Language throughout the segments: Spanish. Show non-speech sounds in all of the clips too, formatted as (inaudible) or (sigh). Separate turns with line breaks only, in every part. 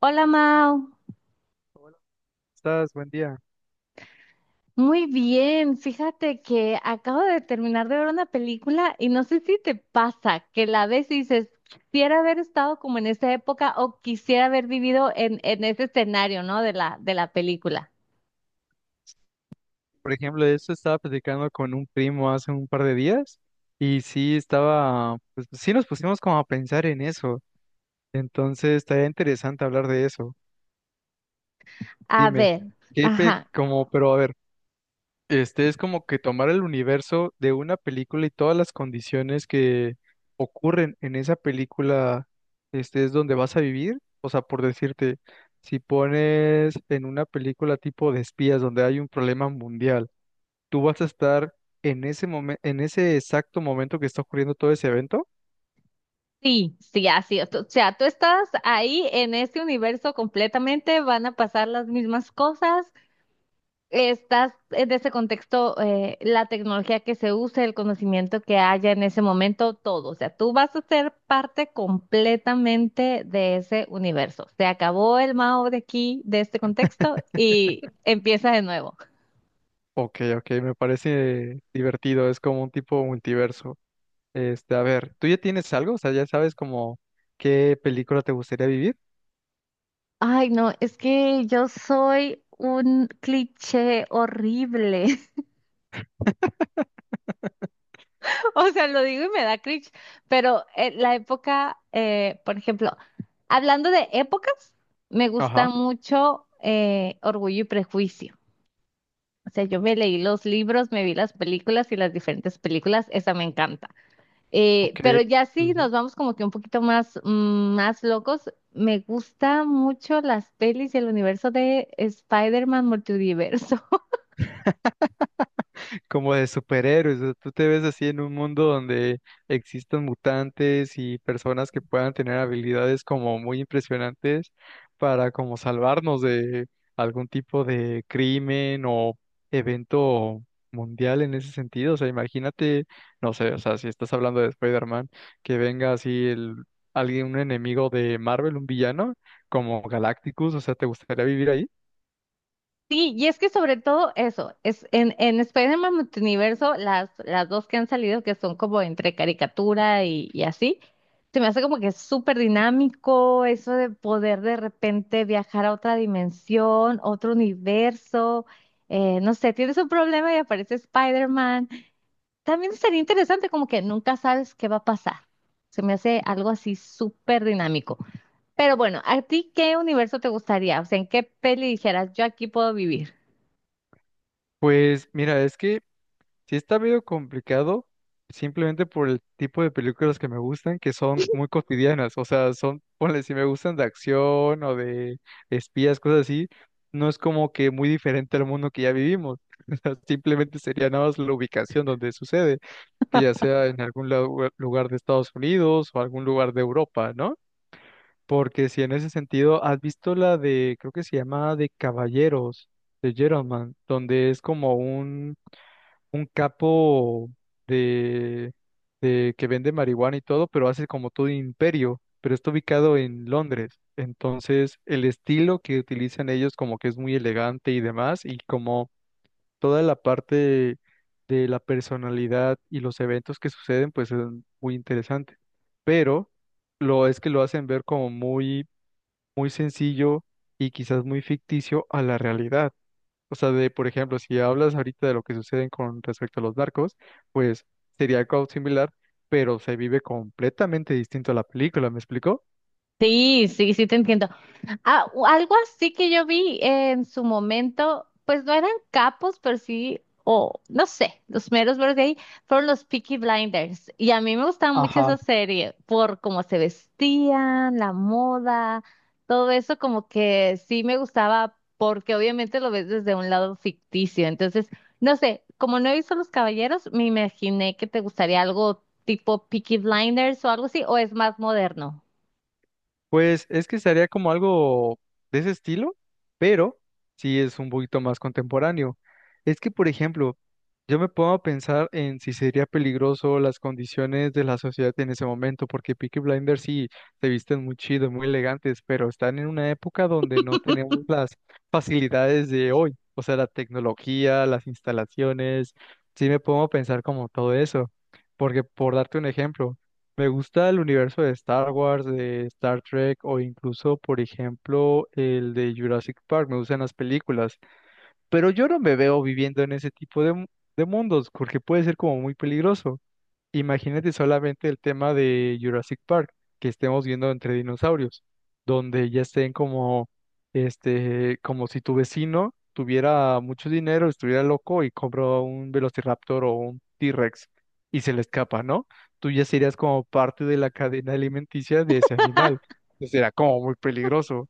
Hola Mau,
Estás, buen día.
muy bien. Fíjate que acabo de terminar de ver una película y no sé si te pasa que la ves y dices, quisiera haber estado como en esa época o quisiera haber vivido en ese escenario, ¿no? De la película.
Por ejemplo, eso estaba platicando con un primo hace un par de días y sí estaba, pues sí nos pusimos como a pensar en eso. Entonces, estaría interesante hablar de eso.
A
Dime,
ver,
¿qué pe-
ajá,
como, pero a ver, este es como que tomar el universo de una película y todas las condiciones que ocurren en esa película, este es donde vas a vivir. O sea, por decirte, si pones en una película tipo de espías donde hay un problema mundial, ¿tú vas a estar en ese momento, en ese exacto momento que está ocurriendo todo ese evento?
sí, sí, así es. O sea, tú estás ahí en este universo completamente, van a pasar las mismas cosas. Estás en ese contexto, la tecnología que se use, el conocimiento que haya en ese momento, todo. O sea, tú vas a ser parte completamente de ese universo. Se acabó el Mao de aquí, de este contexto, y empieza de nuevo.
Ok, ok, me parece divertido, es como un tipo multiverso. Este, a ver, ¿tú ya tienes algo? O sea, ya sabes como qué película te gustaría vivir.
Ay, no, es que yo soy un cliché horrible. (laughs) O sea, lo digo y me da cringe, pero la época, por ejemplo, hablando de épocas, me gusta
Ajá,
mucho Orgullo y Prejuicio. O sea, yo me leí los libros, me vi las películas y las diferentes películas, esa me encanta.
ok.
Pero ya sí
Sí, sí,
nos vamos como que un poquito más, más locos. Me gusta mucho las pelis y el universo de Spider-Man Multiverso.
como de superhéroes. O sea, tú te ves así en un mundo donde existan mutantes y personas que puedan tener habilidades como muy impresionantes para como salvarnos de algún tipo de crimen o evento mundial en ese sentido. O sea, imagínate, no sé, o sea, si estás hablando de Spider-Man, que venga así el alguien, un enemigo de Marvel, un villano, como Galacticus, o sea, ¿te gustaría vivir ahí?
Sí, y es que sobre todo eso, es en Spider-Man Multiverso, las dos que han salido, que son como entre caricatura y así, se me hace como que es súper dinámico eso de poder de repente viajar a otra dimensión, otro universo, no sé, tienes un problema y aparece Spider-Man. También sería interesante como que nunca sabes qué va a pasar. Se me hace algo así súper dinámico. Pero bueno, ¿a ti qué universo te gustaría? O sea, ¿en qué peli dijeras yo aquí puedo vivir?
Pues mira, es que sí está medio complicado, simplemente por el tipo de películas que me gustan, que son muy cotidianas, o sea, son, ponle, si me gustan de acción o de espías, cosas así, no es como que muy diferente al mundo que ya vivimos, (laughs) o sea, simplemente sería nada más la ubicación donde sucede, que ya sea en algún lugar de Estados Unidos o algún lugar de Europa, ¿no? Porque si en ese sentido, ¿has visto la de, creo que se llama de Caballeros, de Gentleman, donde es como un capo de, de que vende marihuana y todo, pero hace como todo un imperio, pero está ubicado en Londres? Entonces, el estilo que utilizan ellos como que es muy elegante y demás, y como toda la parte de la personalidad y los eventos que suceden, pues es muy interesante. Pero lo es que lo hacen ver como muy, muy sencillo y quizás muy ficticio a la realidad. O sea, de, por ejemplo, si hablas ahorita de lo que sucede con respecto a los narcos, pues sería algo similar, pero se vive completamente distinto a la película, ¿me explico?
Sí, sí, sí te entiendo. Ah, algo así que yo vi en su momento, pues no eran capos, pero sí, o no sé, los meros meros de ahí fueron los Peaky Blinders. Y a mí me gustaba mucho esa serie por cómo se vestían, la moda, todo eso como que sí me gustaba porque obviamente lo ves desde un lado ficticio. Entonces, no sé, como no he visto Los Caballeros, me imaginé que te gustaría algo tipo Peaky Blinders o algo así, o es más moderno.
Pues es que sería como algo de ese estilo, pero sí es un poquito más contemporáneo. Es que, por ejemplo, yo me pongo a pensar en si sería peligroso las condiciones de la sociedad en ese momento, porque Peaky Blinders sí se visten muy chidos, muy elegantes, pero están en una época donde no tenemos
(laughs)
las facilidades de hoy, o sea, la tecnología, las instalaciones, sí me pongo a pensar como todo eso, porque por darte un ejemplo. Me gusta el universo de Star Wars, de Star Trek o incluso, por ejemplo, el de Jurassic Park. Me gustan las películas, pero yo no me veo viviendo en ese tipo de, de mundos porque puede ser como muy peligroso. Imagínate solamente el tema de Jurassic Park, que estemos viendo entre dinosaurios, donde ya estén como, este, como si tu vecino tuviera mucho dinero, estuviera loco y compró un Velociraptor o un T-Rex y se le escapa, ¿no? Tú ya serías como parte de la cadena alimenticia de ese animal. Entonces era como muy peligroso.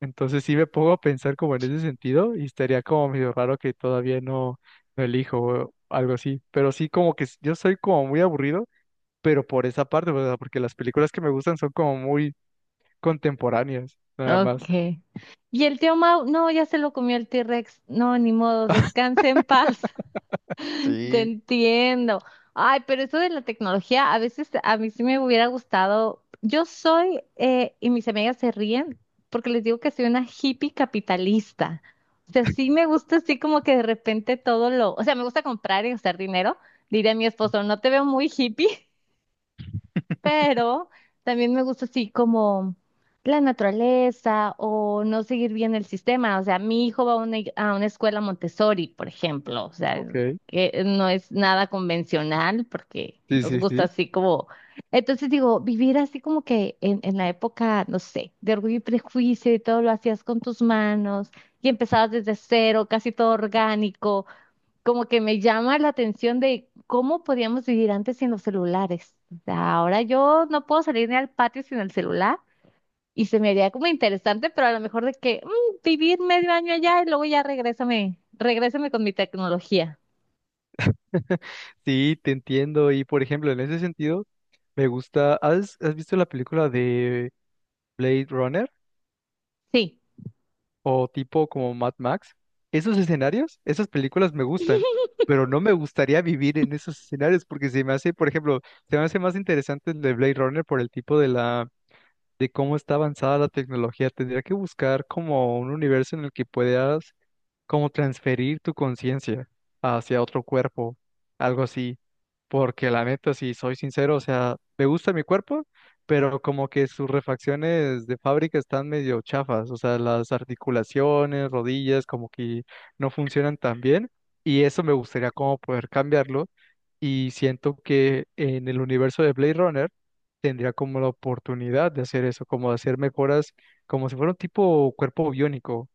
Entonces sí me pongo a pensar como en ese sentido y estaría como medio raro que todavía no, no elijo o algo así. Pero sí como que yo soy como muy aburrido pero por esa parte, o sea, porque las películas que me gustan son como muy contemporáneas, nada
Ok.
más.
Y el tío Mau, no, ya se lo comió el T-Rex. No, ni modo, descanse en paz. (laughs) Te
Sí,
entiendo. Ay, pero eso de la tecnología, a veces a mí sí me hubiera gustado. Yo soy, y mis amigas se ríen porque les digo que soy una hippie capitalista. O sea, sí me gusta así como que de repente todo lo, o sea, me gusta comprar y gastar dinero. Diré a mi esposo, no te veo muy hippie, pero también me gusta así como la naturaleza o no seguir bien el sistema. O sea, mi hijo va a una, a una escuela Montessori, por ejemplo. O sea,
ok.
que no es nada convencional porque
Sí,
nos
sí,
gusta
sí.
así como... Entonces digo, vivir así como que en la época, no sé, de Orgullo y Prejuicio y todo lo hacías con tus manos y empezabas desde cero, casi todo orgánico, como que me llama la atención de cómo podíamos vivir antes sin los celulares. O sea, ahora yo no puedo salir ni al patio sin el celular y se me haría como interesante, pero a lo mejor de que vivir medio año allá y luego ya regrésame, regrésame con mi tecnología.
(laughs) Sí, te entiendo. Y por ejemplo, en ese sentido, me gusta. ¿Has visto la película de Blade Runner
Sí.
o tipo como Mad Max? Esos escenarios, esas películas me gustan, pero no me gustaría vivir en esos escenarios porque se me hace, por ejemplo, se me hace más interesante el de Blade Runner por el tipo de la de cómo está avanzada la tecnología, tendría que buscar como un universo en el que puedas como transferir tu conciencia hacia otro cuerpo, algo así. Porque la neta, si soy sincero, o sea, me gusta mi cuerpo, pero como que sus refacciones de fábrica están medio chafas, o sea, las articulaciones, rodillas, como que no funcionan tan bien. Y eso me gustaría como poder cambiarlo. Y siento que en el universo de Blade Runner, tendría como la oportunidad de hacer eso, como hacer mejoras, como si fuera un tipo cuerpo biónico,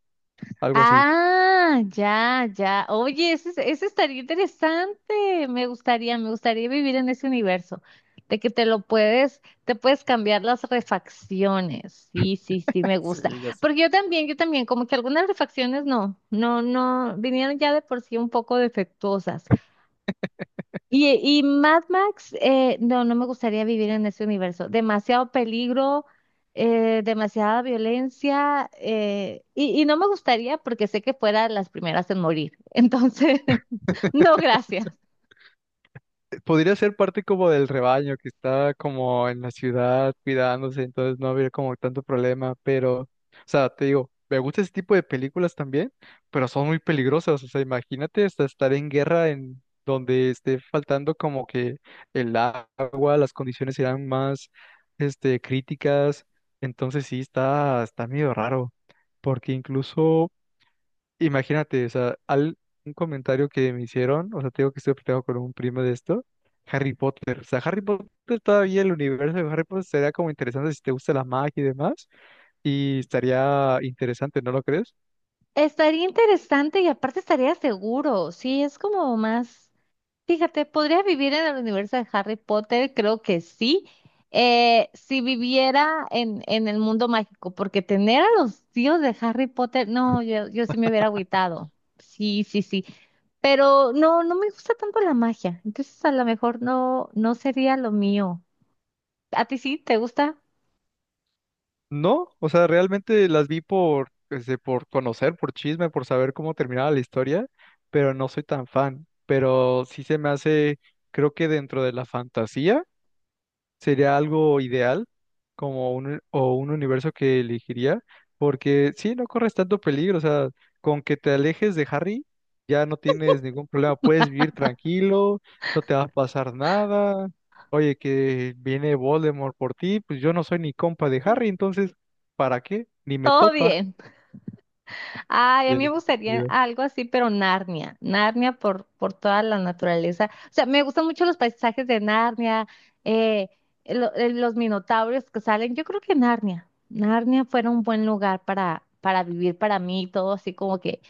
algo así.
Ah, ya, ya. Oye, ese, ese estaría interesante. Me gustaría vivir en ese universo, de que te lo puedes, te puedes cambiar las refacciones. Sí, sí, sí, me gusta.
Sí, ya sé.
Porque yo también, como que algunas refacciones no, no, no, vinieron ya de por sí un poco defectuosas. Y Mad Max, no, no me gustaría vivir en ese universo. Demasiado peligro, demasiada violencia, y no me gustaría porque sé que fuera las primeras en morir. Entonces, (laughs) no, gracias.
Podría ser parte como del rebaño que está como en la ciudad cuidándose, entonces no habría como tanto problema, pero, o sea, te digo, me gusta ese tipo de películas también, pero son muy peligrosas, o sea, imagínate hasta estar en guerra en donde esté faltando como que el agua, las condiciones eran más este, críticas, entonces sí está, está medio raro, porque incluso, imagínate, o sea, al, un comentario que me hicieron, o sea, tengo que estoy platicando con un primo de esto, Harry Potter, o sea, Harry Potter todavía el universo de Harry Potter sería como interesante si te gusta la magia y demás, y estaría interesante, ¿no lo crees?
Estaría interesante y aparte estaría seguro. Sí, es como más. Fíjate, ¿podría vivir en el universo de Harry Potter? Creo que sí. Si viviera en el mundo mágico, porque tener a los tíos de Harry Potter, no, yo sí me hubiera agüitado. Sí, sí, sí. Pero no, no me gusta tanto la magia. Entonces a lo mejor no, no sería lo mío. ¿A ti sí? ¿Te gusta?
No, o sea, realmente las vi por, este, por conocer, por chisme, por saber cómo terminaba la historia, pero no soy tan fan. Pero sí se me hace, creo que dentro de la fantasía sería algo ideal como un, o un universo que elegiría, porque sí, no corres tanto peligro, o sea, con que te alejes de Harry ya no tienes ningún problema, puedes vivir tranquilo, no te va a pasar nada, oye, que viene Voldemort por ti, pues yo no soy ni compa de Harry, entonces, ¿para qué? Ni me
Todo
topa.
bien. Ay, a mí me
Tiene
gustaría
sentido.
algo así, pero Narnia, Narnia por toda la naturaleza. O sea, me gustan mucho los paisajes de Narnia, eh, los minotauros que salen. Yo creo que Narnia, Narnia fuera un buen lugar para vivir para mí, todo así como que...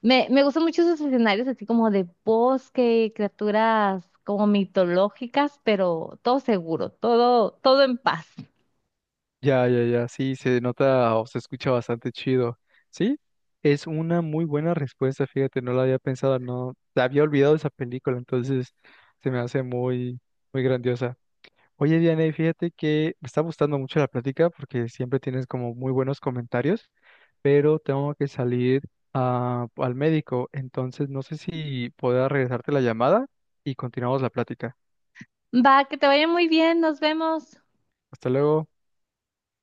Me gustan mucho esos escenarios así como de bosque, criaturas como mitológicas, pero todo seguro, todo, todo en paz.
Ya, ya, ya, sí, se nota o se escucha bastante chido. Sí, es una muy buena respuesta, fíjate, no la había pensado, no, la había olvidado esa película, entonces se me hace muy, muy grandiosa. Oye, Diana, y fíjate que me está gustando mucho la plática porque siempre tienes como muy buenos comentarios, pero tengo que salir al médico, entonces no sé si pueda regresarte la llamada y continuamos la plática.
Va, que te vaya muy bien, nos vemos.
Hasta luego.